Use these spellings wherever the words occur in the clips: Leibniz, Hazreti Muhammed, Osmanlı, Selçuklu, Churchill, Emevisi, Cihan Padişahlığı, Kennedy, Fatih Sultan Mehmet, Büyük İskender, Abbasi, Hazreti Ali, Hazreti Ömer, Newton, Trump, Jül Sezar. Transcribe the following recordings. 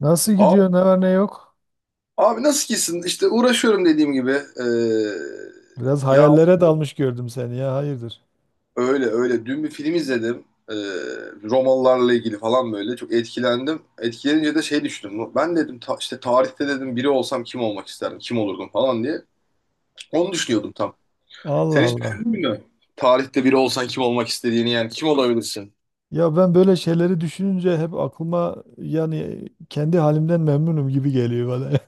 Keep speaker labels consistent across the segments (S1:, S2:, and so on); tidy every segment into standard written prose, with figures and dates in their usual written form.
S1: Nasıl
S2: Abi,
S1: gidiyor? Ne var ne yok?
S2: abi nasıl gitsin? İşte uğraşıyorum dediğim gibi. Ee,
S1: Biraz
S2: ya
S1: hayallere dalmış gördüm seni ya. Hayırdır?
S2: öyle öyle. Dün bir film izledim. Romalılarla ilgili falan böyle. Çok etkilendim. Etkilenince de şey düşündüm. Ben dedim işte tarihte dedim biri olsam kim olmak isterdim? Kim olurdum falan diye. Onu düşünüyordum tam.
S1: Allah
S2: Sen hiç
S1: Allah.
S2: düşündün mü? Tarihte biri olsan kim olmak istediğini yani kim olabilirsin?
S1: Ya ben böyle şeyleri düşününce hep aklıma yani kendi halimden memnunum gibi geliyor bana.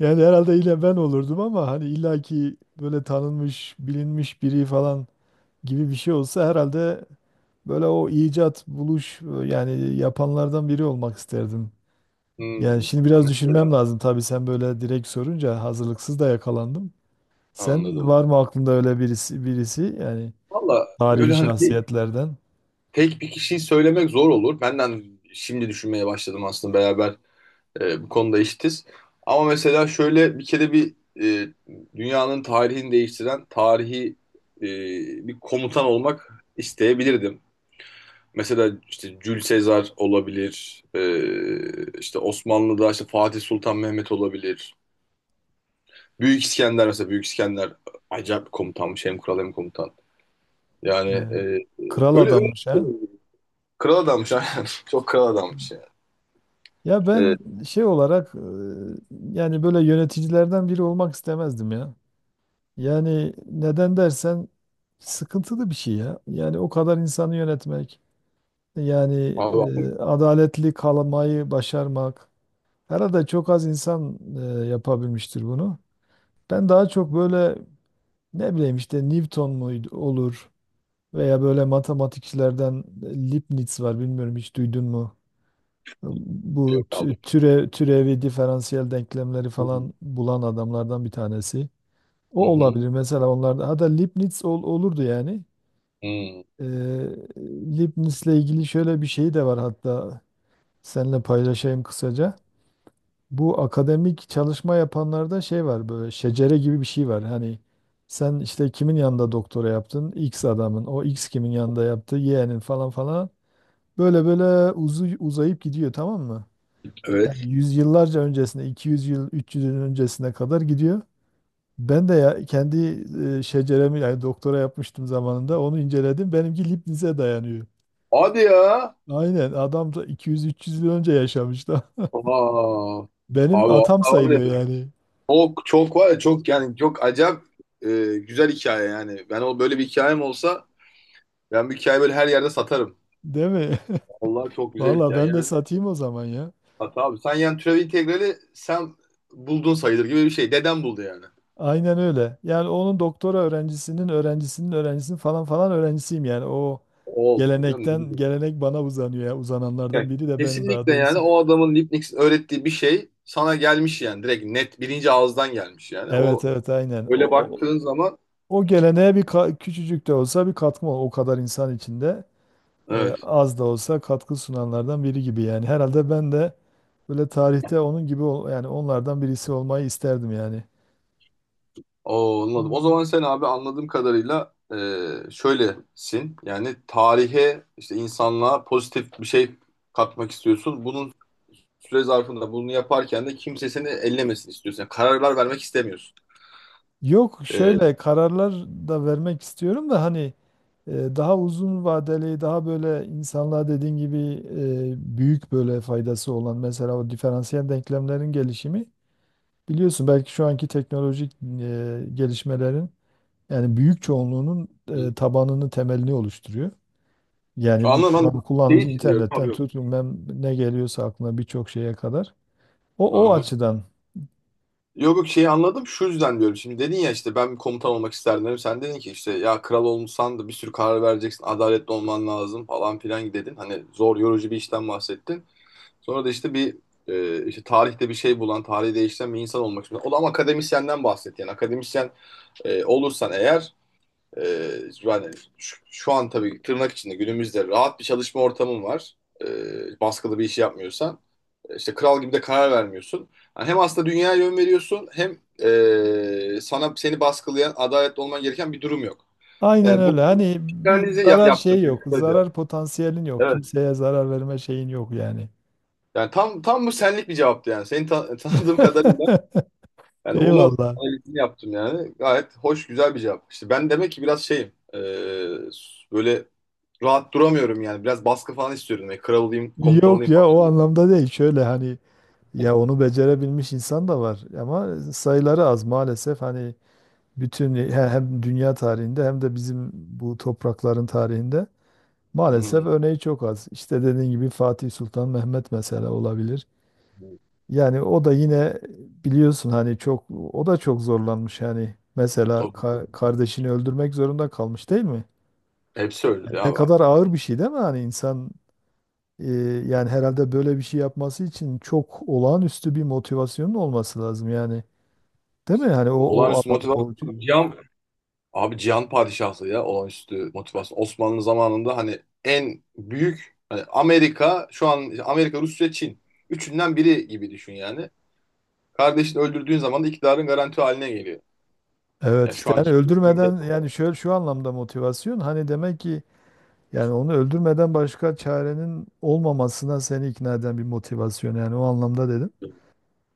S1: Yani herhalde yine ben olurdum ama hani illaki böyle tanınmış, bilinmiş biri falan gibi bir şey olsa herhalde böyle o icat, buluş yani yapanlardan biri olmak isterdim. Yani
S2: Hmm.
S1: şimdi biraz düşünmem
S2: Mesela
S1: lazım tabii sen böyle direkt sorunca hazırlıksız da yakalandım. Sen
S2: anladım.
S1: var mı aklında öyle birisi yani
S2: Valla
S1: tarihi
S2: böyle hani
S1: şahsiyetlerden?
S2: tek bir kişiyi söylemek zor olur. Benden şimdi düşünmeye başladım aslında beraber. Bu konuda eşitiz. Ama mesela şöyle bir kere bir e, dünyanın tarihini değiştiren tarihi e, bir komutan olmak isteyebilirdim. Mesela işte Jül Sezar olabilir, işte Osmanlı'da işte Fatih Sultan Mehmet olabilir. Büyük İskender, mesela Büyük İskender acayip bir komutanmış, hem kral hem komutan. Yani
S1: Ee,
S2: e,
S1: Kral
S2: öyle öyle,
S1: adammış ha.
S2: kral adammış aynen. Çok kral adammış yani.
S1: Ya
S2: E,
S1: ben şey olarak yani böyle yöneticilerden biri olmak istemezdim ya. Yani neden dersen sıkıntılı bir şey ya. Yani o kadar insanı yönetmek, yani
S2: abi, abi,
S1: adaletli kalmayı başarmak. Herhalde çok az insan yapabilmiştir bunu. Ben daha çok böyle ne bileyim işte Newton muydu olur. Veya böyle matematikçilerden Leibniz var bilmiyorum hiç duydun mu? Bu
S2: yok abi.
S1: türevi diferansiyel denklemleri falan bulan adamlardan bir tanesi.
S2: Hı
S1: O
S2: hı.
S1: olabilir mesela onlarda. Hatta Leibniz olurdu yani.
S2: Hı.
S1: Ee, Leibniz'le ilgili şöyle bir şey de var hatta seninle paylaşayım kısaca. Bu akademik çalışma yapanlarda şey var böyle şecere gibi bir şey var. Hani sen işte kimin yanında doktora yaptın? X adamın. O X kimin yanında yaptı? Y'nin falan falan. Böyle böyle uzayıp gidiyor tamam mı? Yani
S2: Evet.
S1: yüzyıllarca öncesine, 200 yıl, 300 yıl öncesine kadar gidiyor. Ben de ya kendi şeceremi yani doktora yapmıştım zamanında onu inceledim. Benimki Leibniz'e dayanıyor.
S2: Hadi ya.
S1: Aynen adam da 200 300 yıl önce yaşamış da.
S2: Aa.
S1: Benim
S2: Abi
S1: atam
S2: vallahi var
S1: sayılıyor
S2: ya,
S1: yani.
S2: çok çok var ya, çok yani çok acayip e, güzel hikaye yani. Ben o böyle bir hikayem olsa ben bu hikayeyi böyle her yerde satarım.
S1: Değil mi?
S2: Vallahi çok güzel
S1: Valla
S2: hikaye
S1: ben de
S2: yani.
S1: satayım o zaman ya.
S2: Sat abi. Sen yani türev integrali sen buldun sayılır gibi bir şey. Dedem buldu yani.
S1: Aynen öyle. Yani onun doktora öğrencisinin öğrencisinin öğrencisinin falan falan öğrencisiyim yani. O
S2: O olsun canım, ne
S1: gelenekten
S2: bileyim.
S1: gelenek bana uzanıyor ya. Uzananlardan
S2: Yani
S1: biri de benim daha
S2: kesinlikle yani
S1: doğrusu.
S2: o adamın, Leibniz'in öğrettiği bir şey sana gelmiş yani. Direkt net birinci ağızdan gelmiş yani.
S1: Evet
S2: O
S1: evet aynen.
S2: öyle baktığın zaman
S1: O geleneğe bir küçücük de olsa bir katkım ol. O kadar insan içinde
S2: evet.
S1: az da olsa katkı sunanlardan biri gibi yani. Herhalde ben de böyle tarihte onun gibi yani onlardan birisi olmayı isterdim yani.
S2: Oo, anladım. O zaman sen abi anladığım kadarıyla şöylesin. Yani tarihe, işte insanlığa pozitif bir şey katmak istiyorsun. Bunun süre zarfında bunu yaparken de kimse seni ellemesin istiyorsun. Yani kararlar vermek istemiyorsun.
S1: Yok
S2: E,
S1: şöyle kararlar da vermek istiyorum da hani E, daha uzun vadeli, daha böyle insanlığa dediğin gibi büyük böyle faydası olan mesela o diferansiyel denklemlerin gelişimi biliyorsun belki şu anki teknolojik gelişmelerin yani büyük çoğunluğunun tabanını, temelini oluşturuyor. Yani bu
S2: anladım
S1: şu an
S2: anladım. Şey
S1: kullandığımız
S2: için diyorum. Abi
S1: internetten
S2: yok.
S1: tut bilmem ne geliyorsa aklına birçok şeye kadar. O o
S2: Aha.
S1: açıdan
S2: Yok yok, şeyi anladım. Şu yüzden diyorum. Şimdi dedin ya, işte ben bir komutan olmak isterdim dedim. Sen dedin ki işte ya kral olmuşsan da bir sürü karar vereceksin. Adaletli olman lazım falan filan dedin. Hani zor, yorucu bir işten bahsettin. Sonra da işte bir işte tarihte bir şey bulan, tarihi değiştiren bir insan olmak istiyor. O da ama akademisyenden bahsetti. Yani akademisyen olursan eğer, e, yani şu an tabii tırnak içinde günümüzde rahat bir çalışma ortamın var. Baskılı bir iş yapmıyorsan. İşte kral gibi de karar vermiyorsun. Yani hem aslında dünyaya yön veriyorsun hem sana, seni baskılayan, adaletli olman gereken bir durum yok.
S1: aynen
S2: Yani bu
S1: öyle. Hani bir
S2: analizi
S1: zarar şey
S2: yaptım
S1: yok. Zarar
S2: kısaca.
S1: potansiyelin yok.
S2: Evet.
S1: Kimseye zarar verme şeyin yok yani.
S2: Yani tam tam bu senlik bir cevaptı yani. Seni tanıdığım kadarıyla yani onu
S1: Eyvallah.
S2: analizini yaptım yani. Gayet hoş, güzel bir cevap. İşte ben demek ki biraz şeyim. Böyle rahat duramıyorum yani. Biraz baskı falan istiyorum. Yani kral olayım, komutan
S1: Yok
S2: olayım
S1: ya
S2: falan
S1: o
S2: diyorum.
S1: anlamda değil. Şöyle hani ya onu becerebilmiş insan da var ama sayıları az maalesef. Hani bütün hem dünya tarihinde hem de bizim bu toprakların tarihinde
S2: Hı
S1: maalesef
S2: hı.
S1: örneği çok az. İşte dediğin gibi Fatih Sultan Mehmet mesela olabilir. Yani o da yine biliyorsun hani çok o da çok zorlanmış yani. Mesela
S2: Tabii.
S1: kardeşini öldürmek zorunda kalmış değil mi?
S2: Hepsi
S1: Yani
S2: öyle ya
S1: ne
S2: abi.
S1: kadar ağır bir şey değil mi? Hani insan Ee, yani herhalde böyle bir şey yapması için çok olağanüstü bir motivasyonun olması lazım yani. Değil mi? Hani o o
S2: Olağanüstü
S1: alanda o.
S2: motivasyon. Cihan, abi Cihan Padişahlığı ya olağanüstü motivasyon. Osmanlı zamanında hani en büyük, hani Amerika şu an, işte Amerika, Rusya, Çin. Üçünden biri gibi düşün yani. Kardeşini öldürdüğün zaman da iktidarın garanti haline geliyor.
S1: Evet
S2: Yani şu
S1: işte yani
S2: anki
S1: öldürmeden yani şöyle şu anlamda motivasyon hani demek ki yani onu öldürmeden başka çarenin olmamasına seni ikna eden bir motivasyon yani o anlamda dedim.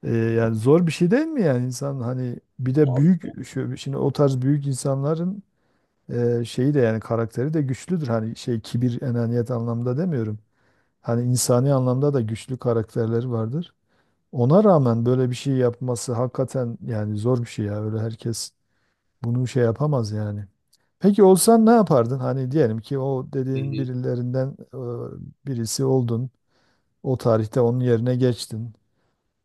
S1: Yani zor bir şey değil mi yani insan hani bir de
S2: abi.
S1: büyük şu, şimdi o tarz büyük insanların şeyi de yani karakteri de güçlüdür hani şey kibir enaniyet anlamda demiyorum. Hani insani anlamda da güçlü karakterleri vardır. Ona rağmen böyle bir şey yapması hakikaten yani zor bir şey ya. Öyle herkes bunu şey yapamaz yani. Peki olsan ne yapardın? Hani diyelim ki o
S2: Hı
S1: dediğin
S2: hı.
S1: birilerinden birisi oldun. O tarihte onun yerine geçtin.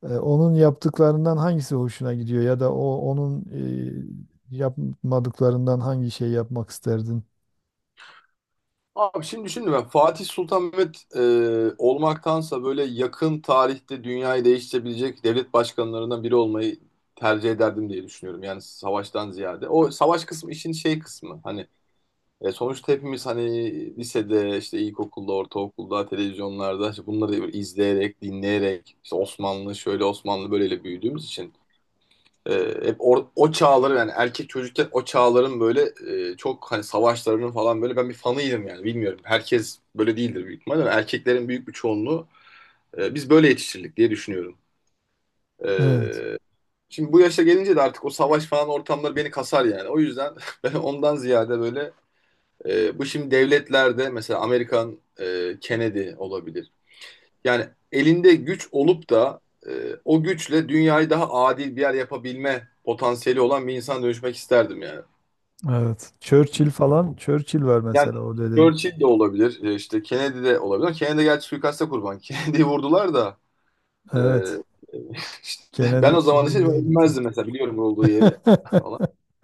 S1: E, Onun yaptıklarından hangisi hoşuna gidiyor ya da o onun yapmadıklarından hangi şey yapmak isterdin?
S2: Abi şimdi düşündüm, ben Fatih Sultan Mehmet olmaktansa böyle yakın tarihte dünyayı değiştirebilecek devlet başkanlarından biri olmayı tercih ederdim diye düşünüyorum. Yani savaştan ziyade. O savaş kısmı işin şey kısmı, hani sonuçta hepimiz hani lisede, işte ilkokulda, ortaokulda, televizyonlarda işte bunları izleyerek, dinleyerek, işte Osmanlı şöyle Osmanlı böyleyle büyüdüğümüz için E, hep o çağları, yani erkek çocukken o çağların böyle çok hani savaşlarının falan böyle ben bir fanıydım yani, bilmiyorum. Herkes böyle değildir büyük ihtimalle, ama erkeklerin büyük bir çoğunluğu biz böyle yetiştirdik diye düşünüyorum.
S1: Evet,
S2: E, Şimdi bu yaşa gelince de artık o savaş falan ortamları beni kasar yani. O yüzden ben ondan ziyade böyle bu şimdi devletlerde mesela Amerikan, Kennedy olabilir. Yani elinde güç olup da e, o güçle dünyayı daha adil bir yer yapabilme potansiyeli olan bir insan dönüşmek isterdim yani.
S1: evet. Churchill falan, Churchill var
S2: Yani
S1: mesela o dedin.
S2: Churchill de olabilir, işte Kennedy de olabilir. Kennedy gerçi suikasta kurban. Kennedy'yi vurdular da e,
S1: Evet,
S2: işte ben
S1: Kennedy
S2: o
S1: kim
S2: zaman işte
S1: buraya gitti?
S2: bilmezdim mesela, biliyorum olduğu yeri falan.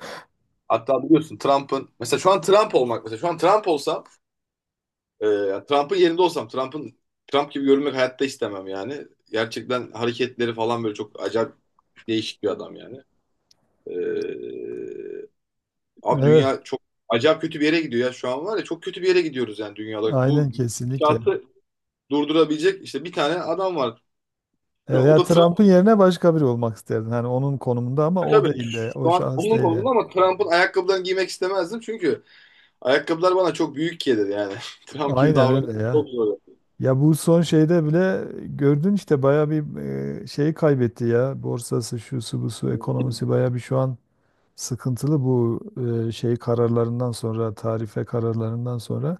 S2: Hatta biliyorsun Trump'ın, mesela şu an Trump olmak, mesela şu an Trump olsam, yani Trump'ın yerinde olsam, Trump'ın Trump gibi görünmek hayatta istemem yani. Gerçekten hareketleri falan böyle çok acayip değişik bir adam yani. Ee, abi
S1: Evet,
S2: dünya çok acayip kötü bir yere gidiyor ya, şu an var ya çok kötü bir yere gidiyoruz yani dünya olarak. Bu
S1: aynen kesinlikle.
S2: gidişatı durdurabilecek işte bir tane adam var.
S1: E,
S2: O
S1: Veya
S2: da
S1: Trump'ın
S2: Trump.
S1: yerine başka biri olmak isterdin. Hani onun konumunda ama o
S2: Tabii
S1: değil de, o
S2: şu an
S1: şahıs
S2: onun
S1: değil yani.
S2: kolunda, ama Trump'ın ayakkabılarını giymek istemezdim, çünkü ayakkabılar bana çok büyük gelir yani. Trump gibi
S1: Aynen
S2: davranmak
S1: öyle ya.
S2: çok zor.
S1: Ya bu son şeyde bile gördün işte bayağı bir şeyi kaybetti ya. Borsası, şusu, busu, ekonomisi bayağı bir şu an sıkıntılı bu şey kararlarından sonra, tarife kararlarından sonra.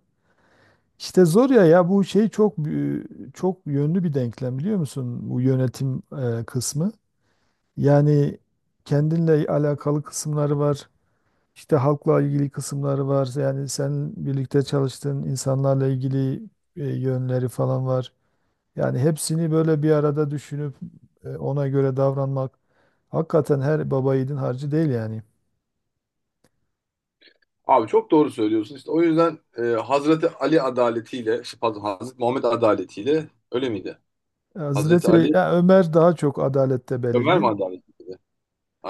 S1: İşte zor ya ya bu şey çok çok yönlü bir denklem biliyor musun? Bu yönetim kısmı. Yani kendinle alakalı kısımları var. İşte halkla ilgili kısımları var. Yani sen birlikte çalıştığın insanlarla ilgili yönleri falan var. Yani hepsini böyle bir arada düşünüp ona göre davranmak hakikaten her baba yiğidin harcı değil yani.
S2: Abi çok doğru söylüyorsun. İşte o yüzden Hazreti Ali adaletiyle, işte pardon, Hazreti Muhammed adaletiyle öyle miydi? Hazreti
S1: Hazreti
S2: Ali,
S1: ya Ömer daha çok adalette
S2: Ömer mi
S1: belirgin.
S2: adaleti?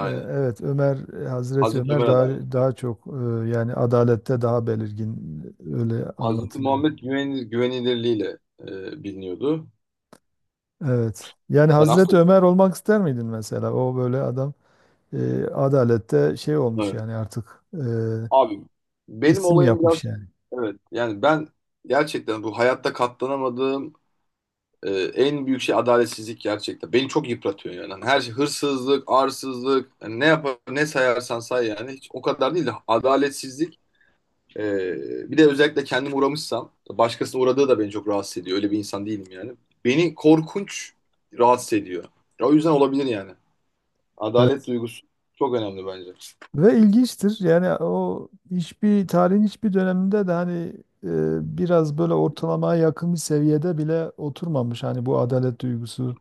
S1: E, Evet Ömer, Hazreti
S2: Hazreti
S1: Ömer
S2: Ömer
S1: daha
S2: adaleti.
S1: çok yani adalette daha belirgin, öyle
S2: Hazreti
S1: anlatılıyor.
S2: Muhammed güven, güvenilirliğiyle biliniyordu.
S1: Evet. Yani
S2: Yani
S1: Hazreti
S2: aslında
S1: Ömer olmak ister miydin mesela? O böyle adam adalette şey olmuş
S2: evet.
S1: yani artık,
S2: Abi benim
S1: isim
S2: olayım biraz
S1: yapmış yani.
S2: evet. Yani ben gerçekten bu hayatta katlanamadığım en büyük şey adaletsizlik, gerçekten. Beni çok yıpratıyor yani. Hani her şey, hırsızlık, arsızlık, yani ne yapar, ne sayarsan say yani. Hiç o kadar değil de adaletsizlik. Ee, Bir de özellikle kendim uğramışsam, başkasının uğradığı da beni çok rahatsız ediyor. Öyle bir insan değilim yani. Beni korkunç rahatsız ediyor. Ya o yüzden olabilir yani. Adalet
S1: Evet.
S2: duygusu çok önemli bence.
S1: Ve ilginçtir. Yani o hiçbir tarihin hiçbir döneminde de hani e, biraz böyle ortalamaya yakın bir seviyede bile oturmamış. Hani bu adalet duygusu.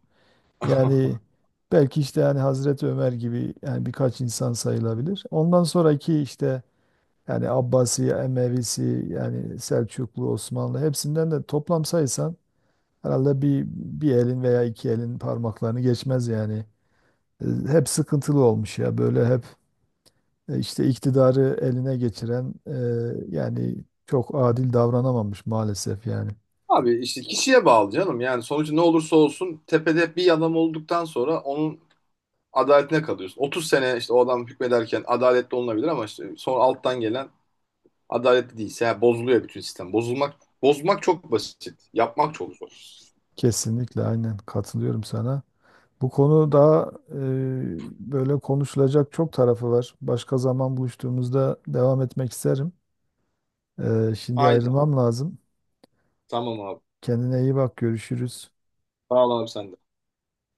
S1: Yani belki işte yani Hazreti Ömer gibi yani birkaç insan sayılabilir. Ondan sonraki işte yani Abbasi, Emevisi, yani Selçuklu, Osmanlı hepsinden de toplam saysan herhalde bir elin veya iki elin parmaklarını geçmez yani. E, Hep sıkıntılı olmuş ya böyle hep işte iktidarı eline geçiren, yani çok adil davranamamış maalesef yani.
S2: Abi işte kişiye bağlı canım. Yani sonucu ne olursa olsun tepede bir adam olduktan sonra onun adaletine kalıyorsun. 30 sene işte o adam hükmederken adaletli olunabilir, ama işte sonra alttan gelen adaletli değilse yani bozuluyor bütün sistem. Bozulmak, bozmak çok basit. Yapmak çok zor.
S1: Kesinlikle aynen katılıyorum sana. Bu konuda böyle konuşulacak çok tarafı var. Başka zaman buluştuğumuzda devam etmek isterim. E, şimdi
S2: Aynen.
S1: ayrılmam lazım.
S2: Tamam abi.
S1: Kendine iyi bak, görüşürüz.
S2: Sağ ol abi, sen de.